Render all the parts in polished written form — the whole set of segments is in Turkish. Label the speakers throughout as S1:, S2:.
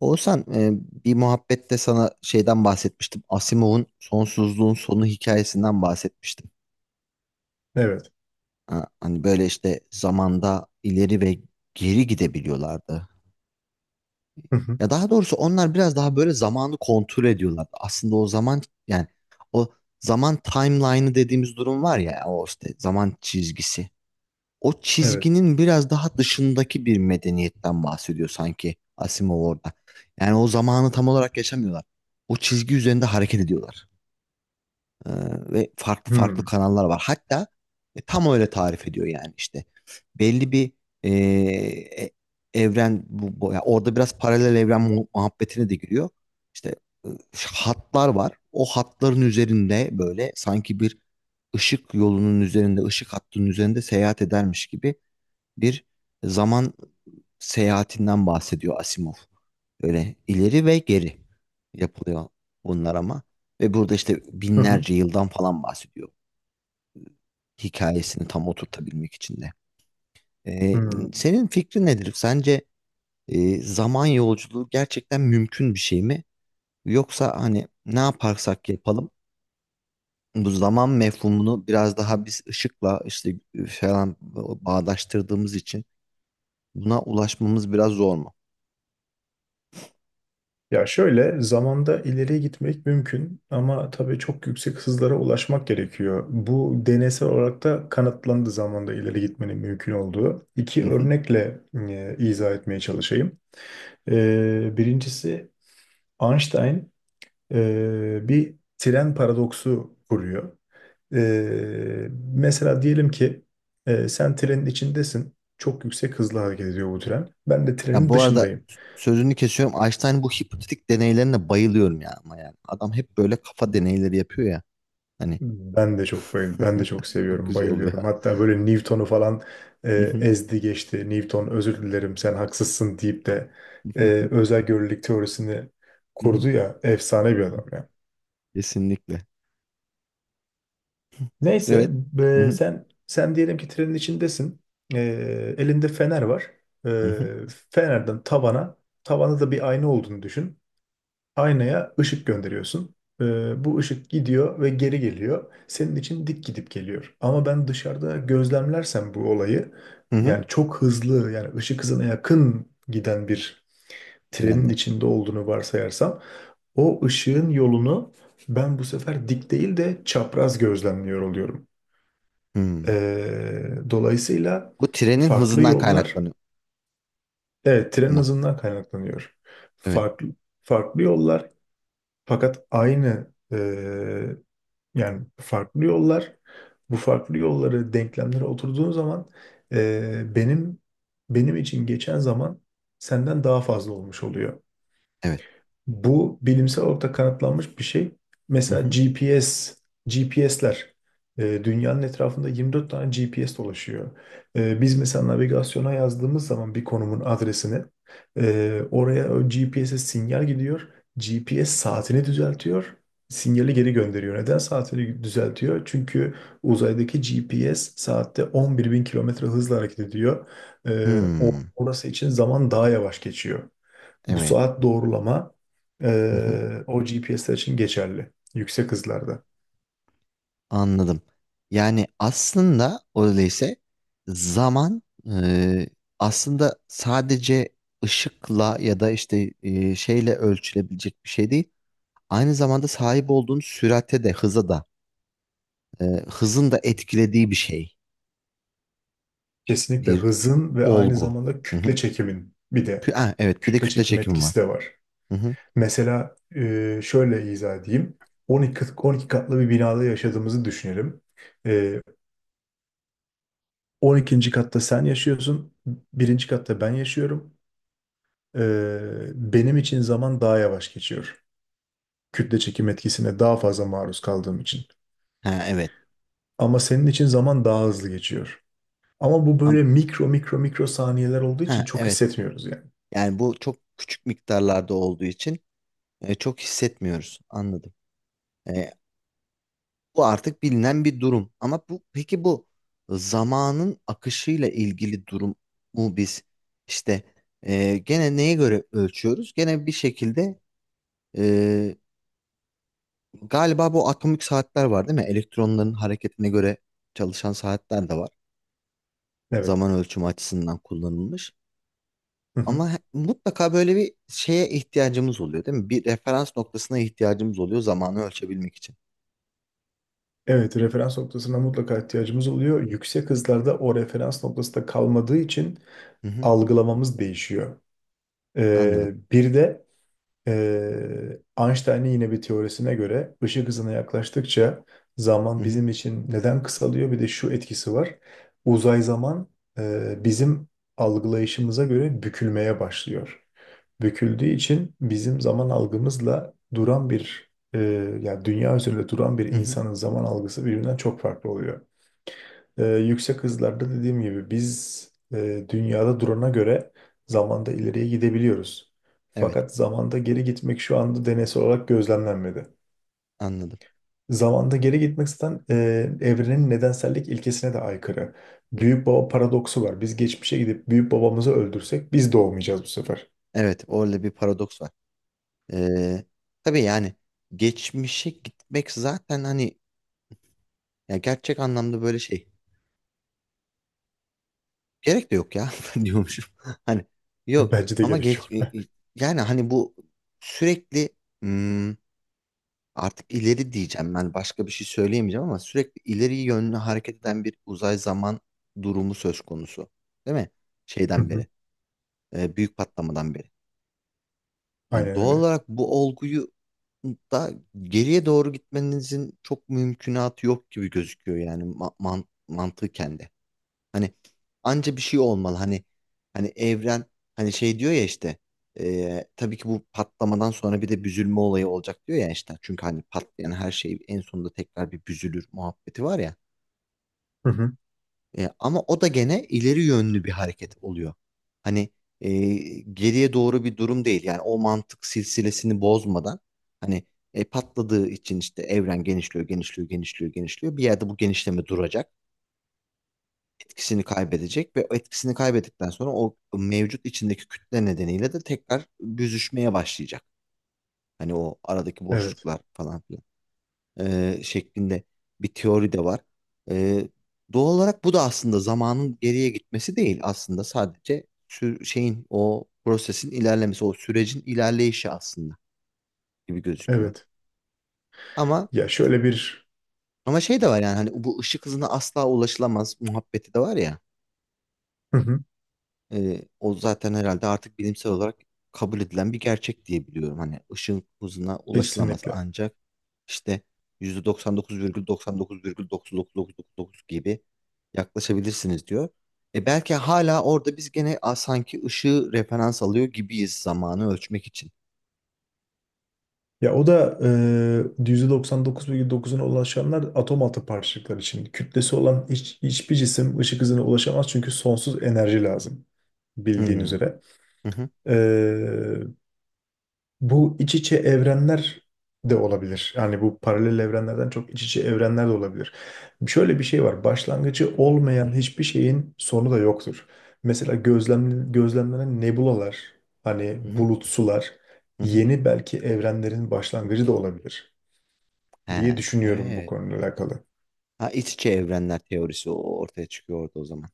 S1: Oğuzhan bir muhabbette sana şeyden bahsetmiştim. Asimov'un Sonsuzluğun Sonu hikayesinden bahsetmiştim.
S2: Evet.
S1: Ha, hani böyle işte zamanda ileri ve geri gidebiliyorlardı.
S2: Hı hı.
S1: Ya daha doğrusu onlar biraz daha böyle zamanı kontrol ediyorlardı. Aslında o zaman yani o zaman timeline'ı dediğimiz durum var ya o işte zaman çizgisi. O
S2: Evet.
S1: çizginin biraz daha dışındaki bir medeniyetten bahsediyor sanki Asimov orada. Yani o zamanı tam olarak yaşamıyorlar. O çizgi üzerinde hareket ediyorlar. Ee, Ve farklı farklı
S2: Hmm.
S1: kanallar var. Hatta tam öyle tarif ediyor yani işte. Belli bir e, e, evren bu, ya orada biraz paralel evren muhabbetine de giriyor. İşte e, hatlar var. O hatların üzerinde böyle sanki bir ışık yolunun üzerinde, ışık hattının üzerinde seyahat edermiş gibi bir zaman seyahatinden bahsediyor Asimov. Öyle ileri ve geri yapılıyor bunlar ama. Ve burada işte
S2: Hı hı.
S1: binlerce yıldan falan bahsediyor. Hikayesini tam oturtabilmek için de. Ee,
S2: Hmm.
S1: senin fikrin nedir? Sence zaman yolculuğu gerçekten mümkün bir şey mi? Yoksa hani ne yaparsak yapalım bu zaman mefhumunu biraz daha biz ışıkla işte falan bağdaştırdığımız için buna ulaşmamız biraz zor mu?
S2: Ya şöyle, zamanda ileriye gitmek mümkün ama tabii çok yüksek hızlara ulaşmak gerekiyor. Bu deneysel olarak da kanıtlandı zamanda ileri gitmenin mümkün olduğu. İki
S1: Hı hı.
S2: örnekle izah etmeye çalışayım. Birincisi Einstein bir tren paradoksu kuruyor. E, Mesela diyelim ki sen trenin içindesin. Çok yüksek hızla hareket ediyor bu tren. Ben de
S1: Ya
S2: trenin
S1: bu arada
S2: dışındayım.
S1: sözünü kesiyorum. Einstein, bu hipotetik deneylerine bayılıyorum ya, ama yani. Adam hep böyle kafa deneyleri yapıyor ya. Hani
S2: Ben de çok
S1: çok
S2: seviyorum,
S1: güzel oluyor.
S2: bayılıyorum. Hatta böyle Newton'u falan
S1: Hı hı,
S2: ezdi geçti. Newton, özür dilerim sen haksızsın deyip de e,
S1: hı
S2: özel görelilik teorisini
S1: hı, hı hı.
S2: kurdu ya, efsane bir
S1: Evet.
S2: adam ya.
S1: Kesinlikle.
S2: Neyse,
S1: Evet. Hı hı,
S2: sen diyelim ki trenin içindesin. E, Elinde fener var.
S1: hı hı,
S2: Fenerden tavana, tavanda da bir ayna olduğunu düşün. Aynaya ışık gönderiyorsun. Bu ışık gidiyor ve geri geliyor. Senin için dik gidip geliyor. Ama ben dışarıda gözlemlersem bu olayı,
S1: hı hı.
S2: yani çok hızlı, yani ışık hızına yakın giden bir trenin
S1: Trende.
S2: içinde olduğunu varsayarsam, o ışığın yolunu ben bu sefer dik değil de çapraz gözlemliyor oluyorum.
S1: Hmm.
S2: Dolayısıyla
S1: Bu trenin
S2: farklı
S1: hızından
S2: yollar,
S1: kaynaklanıyor
S2: evet, tren
S1: mu?
S2: hızından kaynaklanıyor.
S1: Evet.
S2: Farklı farklı yollar, fakat aynı yani farklı yollar, bu farklı yolları denklemlere oturduğun zaman ee, benim benim için geçen zaman senden daha fazla olmuş oluyor.
S1: Evet.
S2: Bu bilimsel olarak da kanıtlanmış bir şey.
S1: Hı
S2: Mesela
S1: hı.
S2: GPS, GPS'ler, dünyanın etrafında 24 tane GPS dolaşıyor. Biz mesela navigasyona yazdığımız zaman bir konumun adresini, oraya o GPS'e sinyal gidiyor. GPS saatini düzeltiyor. Sinyali geri gönderiyor. Neden saatini düzeltiyor? Çünkü uzaydaki GPS saatte 11.000 kilometre hızla hareket ediyor.
S1: Hmm.
S2: Orası için zaman daha yavaş geçiyor. Bu
S1: Evet.
S2: saat doğrulama, o GPS'ler için geçerli. Yüksek hızlarda.
S1: Anladım. Yani aslında öyleyse zaman e, aslında sadece ışıkla ya da işte şeyle ölçülebilecek bir şey değil. Aynı zamanda sahip olduğun sürate de hıza da hızın da etkilediği bir şey.
S2: Kesinlikle
S1: Bir
S2: hızın ve aynı
S1: olgu.
S2: zamanda
S1: Hı
S2: kütle
S1: hı.
S2: çekimin, bir de
S1: Ha, evet bir de
S2: kütle
S1: kütle
S2: çekim
S1: çekimi var.
S2: etkisi de var.
S1: Hı hı.
S2: Mesela şöyle izah edeyim. 12, 12 katlı bir binada yaşadığımızı düşünelim. E, 12. katta sen yaşıyorsun, birinci katta ben yaşıyorum. E, Benim için zaman daha yavaş geçiyor, kütle çekim etkisine daha fazla maruz kaldığım için.
S1: Ha, evet.
S2: Ama senin için zaman daha hızlı geçiyor. Ama bu
S1: Am-
S2: böyle mikro mikro mikro saniyeler olduğu için
S1: Ha,
S2: çok
S1: evet.
S2: hissetmiyoruz yani.
S1: Yani bu çok küçük miktarlarda olduğu için çok hissetmiyoruz. Anladım. E, Bu artık bilinen bir durum. Ama bu peki bu zamanın akışıyla ilgili durum mu? Biz işte gene neye göre ölçüyoruz? Gene bir şekilde e, galiba bu atomik saatler var değil mi? Elektronların hareketine göre çalışan saatler de var.
S2: Evet.
S1: Zaman ölçümü açısından kullanılmış.
S2: Hı hı.
S1: Ama mutlaka böyle bir şeye ihtiyacımız oluyor değil mi? Bir referans noktasına ihtiyacımız oluyor zamanı ölçebilmek için.
S2: Evet, referans noktasına mutlaka ihtiyacımız oluyor. Yüksek hızlarda o referans noktasında kalmadığı için
S1: Hı hı,
S2: algılamamız değişiyor.
S1: anladım.
S2: Bir de Einstein'ın yine bir teorisine göre, ışık hızına yaklaştıkça
S1: Hı
S2: zaman
S1: hı,
S2: bizim için neden kısalıyor? Bir de şu etkisi var. Uzay zaman bizim algılayışımıza göre bükülmeye başlıyor. Büküldüğü için bizim zaman algımızla duran bir yani dünya üzerinde duran bir
S1: hı hı,
S2: insanın zaman algısı birbirinden çok farklı oluyor. Yüksek hızlarda dediğim gibi biz dünyada durana göre zamanda ileriye gidebiliyoruz.
S1: evet,
S2: Fakat zamanda geri gitmek şu anda deneysel olarak gözlemlenmedi.
S1: anladım.
S2: Zamanda geri gitmek zaten evrenin nedensellik ilkesine de aykırı. Büyük baba paradoksu var. Biz geçmişe gidip büyük babamızı öldürsek biz doğmayacağız bu sefer.
S1: Evet, orada bir paradoks var. Ee, tabii yani geçmişe gitmek zaten hani ya gerçek anlamda böyle şey gerek de yok ya ben diyormuşum. Hani yok
S2: Bence de
S1: ama
S2: gerek
S1: geç
S2: yok.
S1: yani hani bu sürekli hmm, artık ileri diyeceğim, ben başka bir şey söyleyemeyeceğim ama sürekli ileri yönlü hareket eden bir uzay zaman durumu söz konusu. Değil mi?
S2: Hı
S1: Şeyden
S2: hı.
S1: beri, büyük patlamadan beri.
S2: Aynen
S1: Yani doğal
S2: öyle.
S1: olarak bu olguyu da geriye doğru gitmenizin çok mümkünatı yok gibi gözüküyor yani ma man mantıken de. Hani anca bir şey olmalı. Hani hani evren hani şey diyor ya işte tabii ki bu patlamadan sonra bir de büzülme olayı olacak diyor ya işte. Çünkü hani patlayan her şey en sonunda tekrar bir büzülür muhabbeti var ya.
S2: Hı hı.
S1: E, ama o da gene ileri yönlü bir hareket oluyor. Hani e, geriye doğru bir durum değil. Yani o mantık silsilesini bozmadan hani patladığı için işte evren genişliyor, genişliyor, genişliyor, genişliyor. Bir yerde bu genişleme duracak, etkisini kaybedecek ve o etkisini kaybettikten sonra o mevcut içindeki kütle nedeniyle de tekrar büzüşmeye başlayacak. Hani o aradaki
S2: Evet.
S1: boşluklar falan filan şeklinde bir teori de var. E, doğal olarak bu da aslında zamanın geriye gitmesi değil, aslında sadece şeyin o prosesin ilerlemesi, o sürecin ilerleyişi aslında gibi gözüküyor.
S2: Evet.
S1: Ama
S2: Ya şöyle bir...
S1: ama şey de var yani hani bu ışık hızına asla ulaşılamaz muhabbeti de var ya.
S2: Hı hı.
S1: O zaten herhalde artık bilimsel olarak kabul edilen bir gerçek diye biliyorum. Hani ışın hızına ulaşılamaz,
S2: Kesinlikle.
S1: ancak işte %99,99,999999 gibi yaklaşabilirsiniz diyor. E belki hala orada biz gene sanki ışığı referans alıyor gibiyiz zamanı ölçmek için.
S2: Ya o da %99,9'una ulaşanlar atom altı parçacıklar için. Kütlesi olan hiçbir cisim ışık hızına ulaşamaz çünkü sonsuz enerji lazım, bildiğin
S1: Hmm.
S2: üzere.
S1: Hı hı,
S2: E, Bu iç içe evrenler de olabilir. Yani bu paralel evrenlerden çok, iç içe evrenler de olabilir. Şöyle bir şey var: başlangıcı olmayan hiçbir şeyin sonu da yoktur. Mesela gözlemlenen nebulalar, hani
S1: hı hı,
S2: bulut sular,
S1: hı hı.
S2: yeni belki evrenlerin başlangıcı da olabilir
S1: He,
S2: diye düşünüyorum bu
S1: evet.
S2: konuyla alakalı.
S1: Ha, iç içe evrenler teorisi ortaya çıkıyor orada o zaman.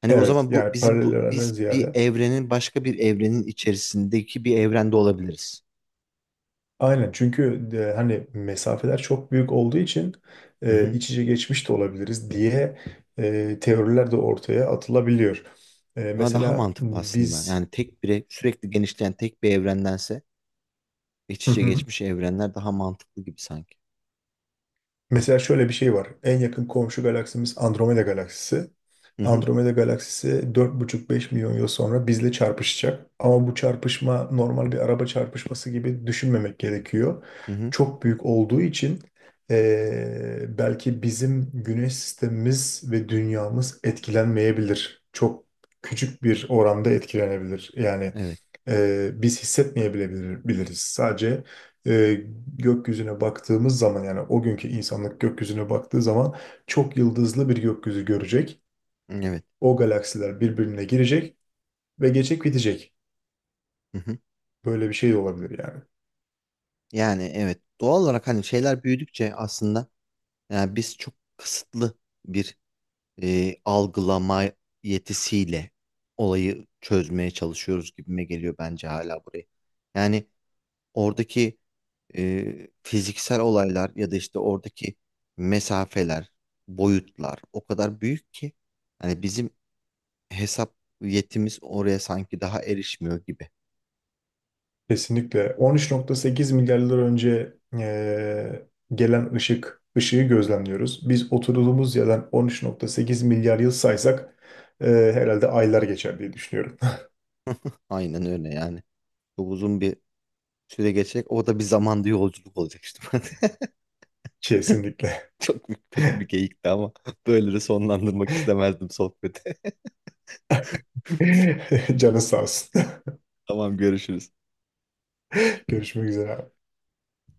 S1: Hani o
S2: Evet,
S1: zaman bu
S2: yani
S1: bizim
S2: paralel
S1: bu
S2: evrenden
S1: biz bir
S2: ziyade.
S1: evrenin başka bir evrenin içerisindeki bir evrende olabiliriz.
S2: Aynen, çünkü hani mesafeler çok büyük olduğu için
S1: Hı hı.
S2: iç içe geçmiş de olabiliriz diye teoriler de ortaya atılabiliyor.
S1: Ama daha
S2: Mesela
S1: mantıklı aslında.
S2: biz
S1: Yani tek bir sürekli genişleyen tek bir evrendense iç içe geçmiş evrenler daha mantıklı gibi sanki.
S2: mesela şöyle bir şey var. En yakın komşu galaksimiz Andromeda galaksisi.
S1: Hı hı.
S2: Andromeda galaksisi 4,5, 5 milyon yıl sonra bizle çarpışacak. Ama bu çarpışma normal bir araba çarpışması gibi düşünmemek gerekiyor.
S1: Hı hı.
S2: Çok büyük olduğu için belki bizim güneş sistemimiz ve dünyamız etkilenmeyebilir. Çok küçük bir oranda etkilenebilir. Yani
S1: Evet.
S2: biz hissetmeyebilir biliriz. Sadece
S1: Hı hı.
S2: e, gökyüzüne baktığımız zaman, yani o günkü insanlık gökyüzüne baktığı zaman çok yıldızlı bir gökyüzü görecek.
S1: Evet.
S2: O galaksiler birbirine girecek ve geçecek, bitecek.
S1: Hı hı.
S2: Böyle bir şey de olabilir yani.
S1: Yani evet, doğal olarak hani şeyler büyüdükçe aslında yani biz çok kısıtlı bir algılama yetisiyle olayı çözmeye çalışıyoruz gibime geliyor bence hala burayı. Yani oradaki fiziksel olaylar ya da işte oradaki mesafeler, boyutlar o kadar büyük ki hani bizim hesap yetimiz oraya sanki daha erişmiyor gibi.
S2: Kesinlikle. 13,8 milyar yıl önce gelen ışık, ışığı
S1: Hı.
S2: gözlemliyoruz. Biz oturduğumuz yerden 13,8 milyar yıl saysak herhalde aylar geçer diye düşünüyorum.
S1: Aynen öyle yani. Çok uzun bir süre geçecek. O da bir zamanda yolculuk olacak işte.
S2: Kesinlikle.
S1: Çok kötü bir geyikti ama böyle de sonlandırmak istemezdim sohbeti.
S2: Canın sağ olsun.
S1: Tamam, görüşürüz.
S2: Görüşmek üzere abi.